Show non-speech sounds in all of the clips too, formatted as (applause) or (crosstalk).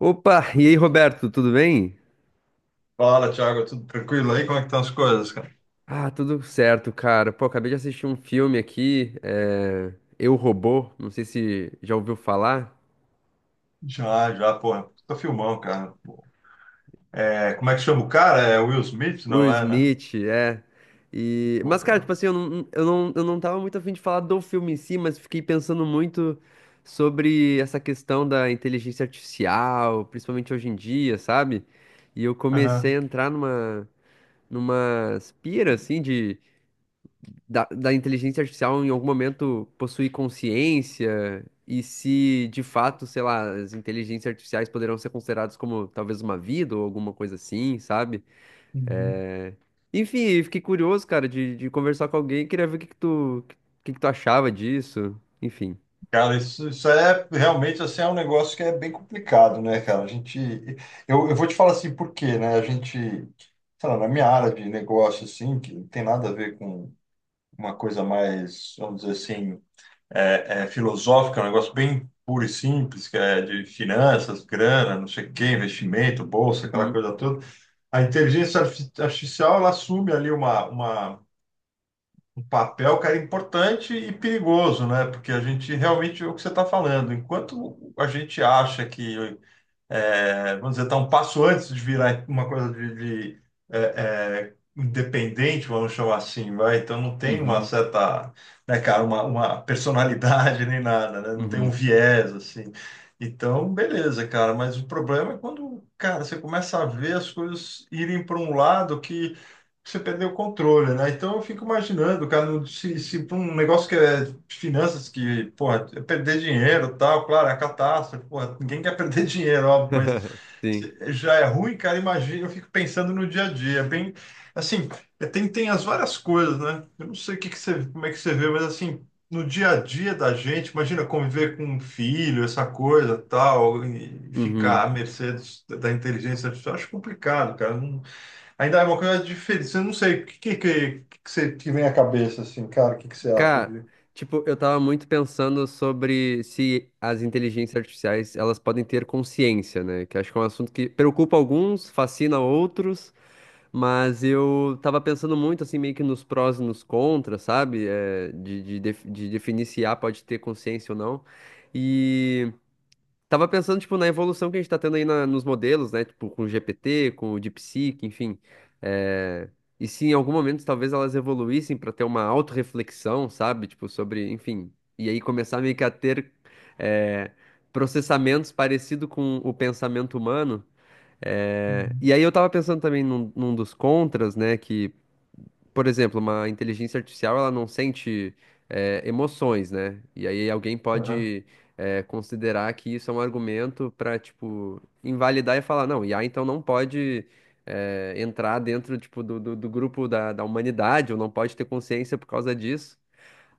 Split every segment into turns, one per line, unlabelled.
Opa, e aí, Roberto, tudo bem?
Fala, Thiago, tudo tranquilo aí? Como é que estão as coisas, cara?
Ah, tudo certo, cara. Pô, acabei de assistir um filme aqui, é... Eu, Robô, não sei se já ouviu falar.
Já, já, porra, tô filmão, cara. Pô. É, como é que chama o cara? É Will Smith,
Will
não é, né?
Smith, é. E...
Pô,
Mas, cara, tipo
cara.
assim, eu não tava muito afim de falar do filme em si, mas fiquei pensando muito sobre essa questão da inteligência artificial, principalmente hoje em dia, sabe? E eu comecei
Aham.
a entrar numa pira, assim, de da inteligência artificial em algum momento possuir consciência e se de fato, sei lá, as inteligências artificiais poderão ser consideradas como talvez uma vida ou alguma coisa assim, sabe?
Uhum.
É, Enfim, eu fiquei curioso, cara, de conversar com alguém, queria ver o que que tu achava disso, enfim.
Cara, isso é realmente assim, é um negócio que é bem complicado, né, cara? A gente. Eu vou te falar assim, por quê, né? A gente, sei lá, na minha área de negócio, assim, que não tem nada a ver com uma coisa mais, vamos dizer assim. Filosófica, é um negócio bem puro e simples, que é de finanças, grana, não sei o quê, investimento, bolsa, aquela
Uhum,
coisa toda. A inteligência artificial, ela assume ali um papel, cara, importante e perigoso, né? Porque a gente realmente, é o que você está falando, enquanto a gente acha que é, vamos dizer, está um passo antes de virar uma coisa de, é, independente, vamos chamar assim, vai. Então não tem uma
uhum,
certa, né, cara, uma personalidade (laughs) nem nada, né? Não tem um
uhum.
viés assim. Então, beleza, cara, mas o problema é quando, cara, você começa a ver as coisas irem para um lado que você perdeu o controle, né? Então eu fico imaginando, cara, se pra um negócio que é de finanças, que, porra, é perder dinheiro e tal, claro, é a catástrofe, porra, ninguém quer perder (laughs) dinheiro, óbvio, mas
(laughs) Sim.
se já é ruim, cara, imagina, eu fico pensando no dia a dia, é bem, assim, é, tem as várias coisas, né? Eu não sei o que que você, como é que você vê, mas assim, no dia a dia da gente, imagina conviver com um filho, essa coisa tal, e ficar
Uhum.
à mercê da inteligência artificial, acho complicado, cara. Ainda é uma coisa diferente. Eu não sei, o que você te vem à cabeça, assim, cara? O que você acha
Cara,
de...
tipo, eu tava muito pensando sobre se as inteligências artificiais, elas podem ter consciência, né? Que acho que é um assunto que preocupa alguns, fascina outros, mas eu tava pensando muito, assim, meio que nos prós e nos contras, sabe? É, de definir se A pode ter consciência ou não. Tava pensando, tipo, na evolução que a gente tá tendo nos modelos, né? Tipo, com o GPT, com o DeepSeek, enfim. É, E se em algum momento talvez elas evoluíssem para ter uma autorreflexão, sabe? Tipo, sobre, enfim. E aí começar meio que a ter é, processamentos parecido com o pensamento humano. E
Uhum.
aí eu tava pensando também num dos contras, né? Que por exemplo, uma inteligência artificial, ela não sente emoções, né? E aí alguém
Aham.
pode considerar que isso é um argumento para, tipo, invalidar e falar, não, IA então não pode entrar dentro, tipo, do grupo da humanidade, ou não pode ter consciência por causa disso.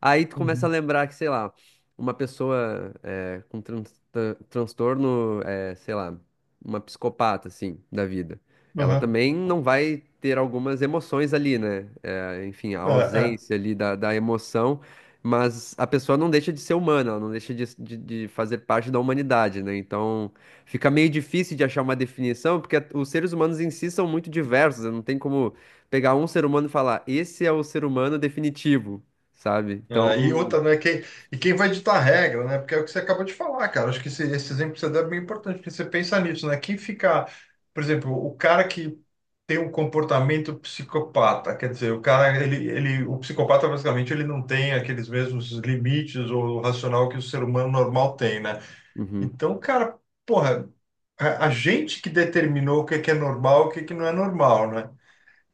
Aí tu começa a
Uhum.
lembrar que, sei lá, uma pessoa é, com transtorno, é, sei lá, uma psicopata, assim, da vida. Ela
Aham.
também não vai ter algumas emoções ali, né? É, enfim, a
É, é.
ausência ali da emoção, mas a pessoa não deixa de ser humana, ela não deixa de fazer parte da humanidade, né? Então fica meio difícil de achar uma definição, porque os seres humanos em si são muito diversos, né? Não tem como pegar um ser humano e falar, esse é o ser humano definitivo, sabe? Então,
É, e outra, né? E quem vai ditar a regra, né? Porque é o que você acabou de falar, cara. Acho que esse exemplo que você deu é bem importante, porque você pensa nisso, né? Quem fica, por exemplo, o cara que tem um comportamento psicopata, quer dizer, o cara, o psicopata, basicamente, ele não tem aqueles mesmos limites ou racional que o ser humano normal tem, né?
uhum,
Então, cara, porra. A gente que determinou o que é normal, o que é que não é normal, né?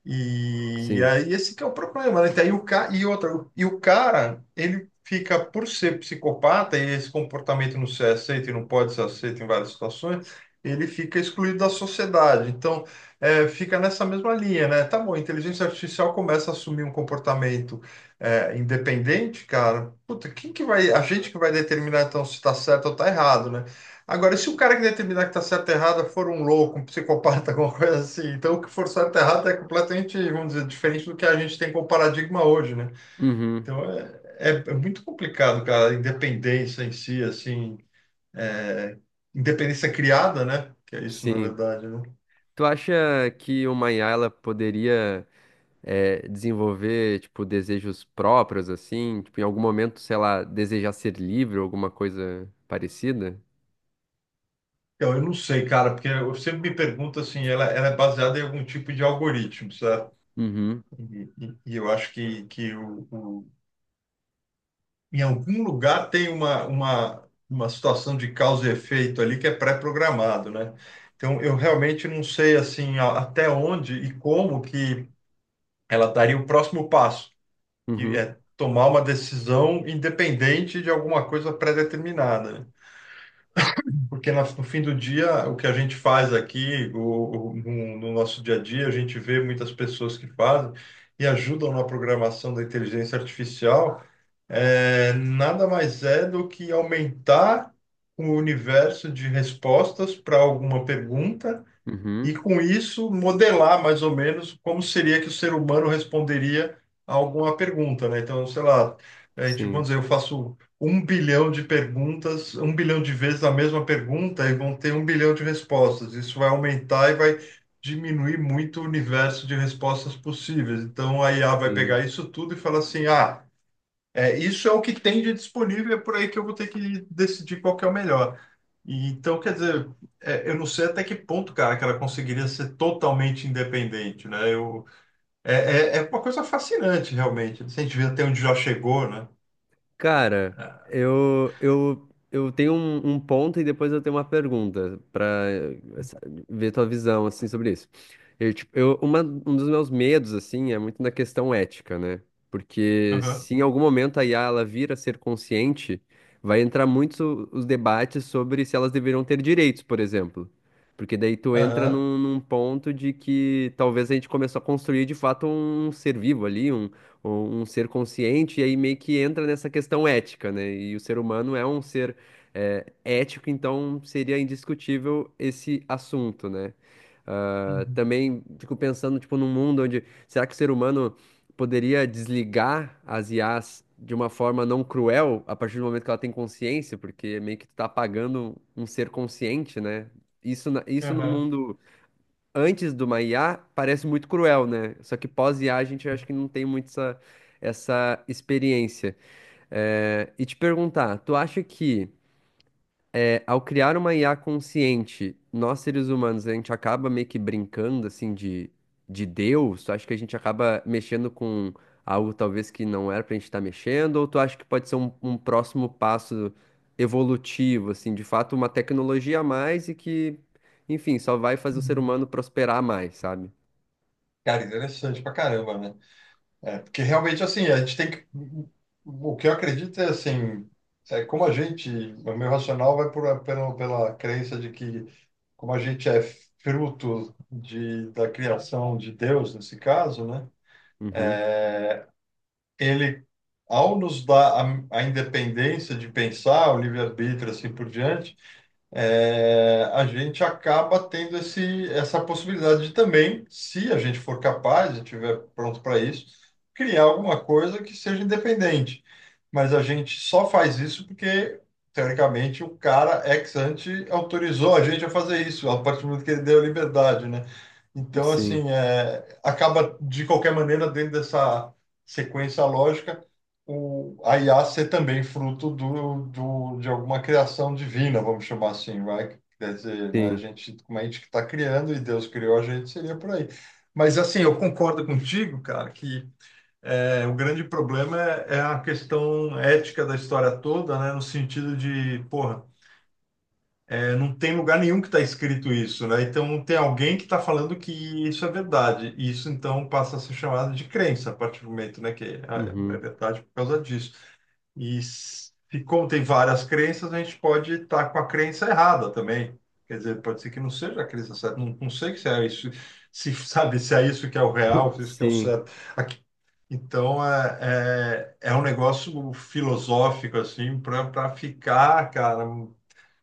E
sim.
aí esse que é o problema, né? Então, aí e outra, e o cara, ele fica, por ser psicopata, e esse comportamento não ser aceito e não pode ser aceito em várias situações, ele fica excluído da sociedade. Então, é, fica nessa mesma linha, né? Tá bom, a inteligência artificial começa a assumir um comportamento independente, cara. Puta, quem que vai... A gente que vai determinar, então, se tá certo ou tá errado, né? Agora, se o cara que determinar que está certo e errado for um louco, um psicopata, (laughs) alguma coisa assim, então o que for certo e errado é completamente, vamos dizer, diferente do que a gente tem como paradigma hoje, né?
Uhum,
Então é muito complicado, cara, a independência em si, assim, é, independência criada, né? Que é isso, na
sim.
verdade, né?
Tu acha que uma IA ela poderia desenvolver, tipo, desejos próprios, assim? Tipo, em algum momento, sei lá, desejar ser livre ou alguma coisa parecida?
Eu não sei, cara, porque eu sempre me pergunto assim, ela é baseada em algum tipo de algoritmo, certo?
Uhum,
E eu acho que em algum lugar tem uma situação de causa e efeito ali que é pré-programado, né? Então, eu realmente não sei, assim, até onde e como que ela daria o próximo passo, que
uhum,
é tomar uma decisão independente de alguma coisa pré-determinada, né? Porque no fim do dia, o que a gente faz aqui, no nosso dia a dia, a gente vê muitas pessoas que fazem e ajudam na programação da inteligência artificial, nada mais é do que aumentar o universo de respostas para alguma pergunta e,
uhum,
com isso, modelar mais ou menos como seria que o ser humano responderia a alguma pergunta, né? Então, sei lá, a gente,
sim,
vamos dizer, eu faço um bilhão de perguntas, um bilhão de vezes a mesma pergunta e vão ter um bilhão de respostas. Isso vai aumentar e vai diminuir muito o universo de respostas possíveis. Então, a IA vai
sim.
pegar isso tudo e falar assim, ah, isso é o que tem de disponível, é por aí que eu vou ter que decidir qual que é o melhor. E, então, quer dizer, eu não sei até que ponto, cara, que ela conseguiria ser totalmente independente, né? É, é uma coisa fascinante, realmente. Se a gente vê até onde já chegou, né?
Cara, eu tenho um ponto e depois eu tenho uma pergunta pra eh, sa- ver tua visão assim sobre isso. Eu, tipo, eu, uma, Um dos meus medos assim é muito na questão ética, né? Porque
Aham,
se em algum momento a IA ela vir a ser consciente, vai entrar muito os debates sobre se elas deveriam ter direitos, por exemplo. Porque daí tu entra
aham,
num ponto de que talvez a gente começou a construir de fato um ser vivo ali, um, um ser consciente, e aí meio que entra nessa questão ética, né? E o ser humano é um ser ético, então seria indiscutível esse assunto, né? Ah,
uhum,
também fico pensando, tipo, num mundo onde será que o ser humano poderia desligar as IAs de uma forma não cruel a partir do momento que ela tem consciência, porque meio que tu tá apagando um ser consciente, né? Isso no
aham.
mundo antes de uma IA parece muito cruel, né? Só que pós-IA a gente acho que não tem muito essa experiência. E te perguntar, tu acha que ao criar uma IA consciente, nós seres humanos, a gente acaba meio que brincando assim de Deus? Tu acha que a gente acaba mexendo com algo talvez que não era pra gente estar mexendo? Ou tu acha que pode ser um próximo passo evolutivo, assim, de fato uma tecnologia a mais e que, enfim, só vai fazer o ser
Uhum.
humano prosperar mais, sabe?
Cara, interessante pra caramba, né? É, porque realmente, assim, a gente tem que. O que eu acredito é assim, é como a gente, o meu racional vai pela crença de que, como a gente é fruto da criação de Deus, nesse caso, né?
Uhum.
Ele, ao nos dar a independência de pensar, o livre-arbítrio, assim por diante a gente acaba tendo essa possibilidade de também, se a gente for capaz e estiver pronto para isso, criar alguma coisa que seja independente. Mas a gente só faz isso porque, teoricamente, o cara ex ante autorizou a gente a fazer isso, a partir do momento que ele deu a liberdade, né? Então,
Sim,
assim, acaba de qualquer maneira dentro dessa sequência lógica a IA ser também fruto de alguma criação divina, vamos chamar assim, vai? Quer dizer, né, a
sim,
gente, como a gente que está criando e Deus criou a gente, seria por aí. Mas, assim, eu concordo contigo, cara, que o grande problema é a questão ética da história toda, né? No sentido de, porra, não tem lugar nenhum que está escrito isso, né? Então, tem alguém que está falando que isso é verdade. E isso, então, passa a ser chamado de crença, a partir do momento, né? Que é
uhum.
verdade por causa disso. E se contém várias crenças, a gente pode estar com a crença errada também. Quer dizer, pode ser que não seja a crença certa. Não, não sei se é isso, se (laughs) sabe se é isso que é o real,
(laughs)
se é isso que é o
Sim.
certo. Aqui- Então é um negócio filosófico assim para ficar, cara,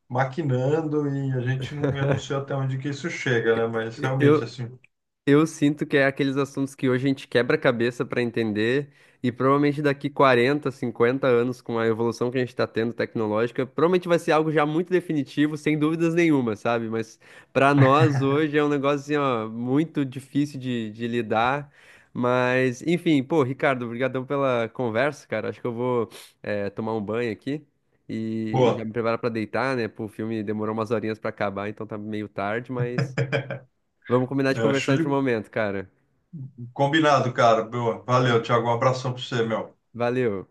maquinando e a gente não, eu não sei
(laughs)
até onde que isso chega, né? Mas realmente
Eu,
assim,
Eu sinto que é aqueles assuntos que hoje a gente quebra a cabeça para entender, e provavelmente daqui 40, 50 anos, com a evolução que a gente está tendo tecnológica, provavelmente vai ser algo já muito definitivo, sem dúvidas nenhuma, sabe? Mas para nós hoje é um negócio assim, ó, muito difícil de lidar. Mas, enfim, pô, Ricardo, obrigadão pela conversa, cara. Acho que eu vou, tomar um banho aqui e já me
boa.
preparar para deitar, né? Pô, o filme demorou umas horinhas para acabar, então tá meio tarde, mas. Vamos combinar de
Eu
conversar
acho
em outro
de-
momento, cara.
Combinado, cara. Boa. Valeu, Thiago. Um abração para você, meu.
Valeu.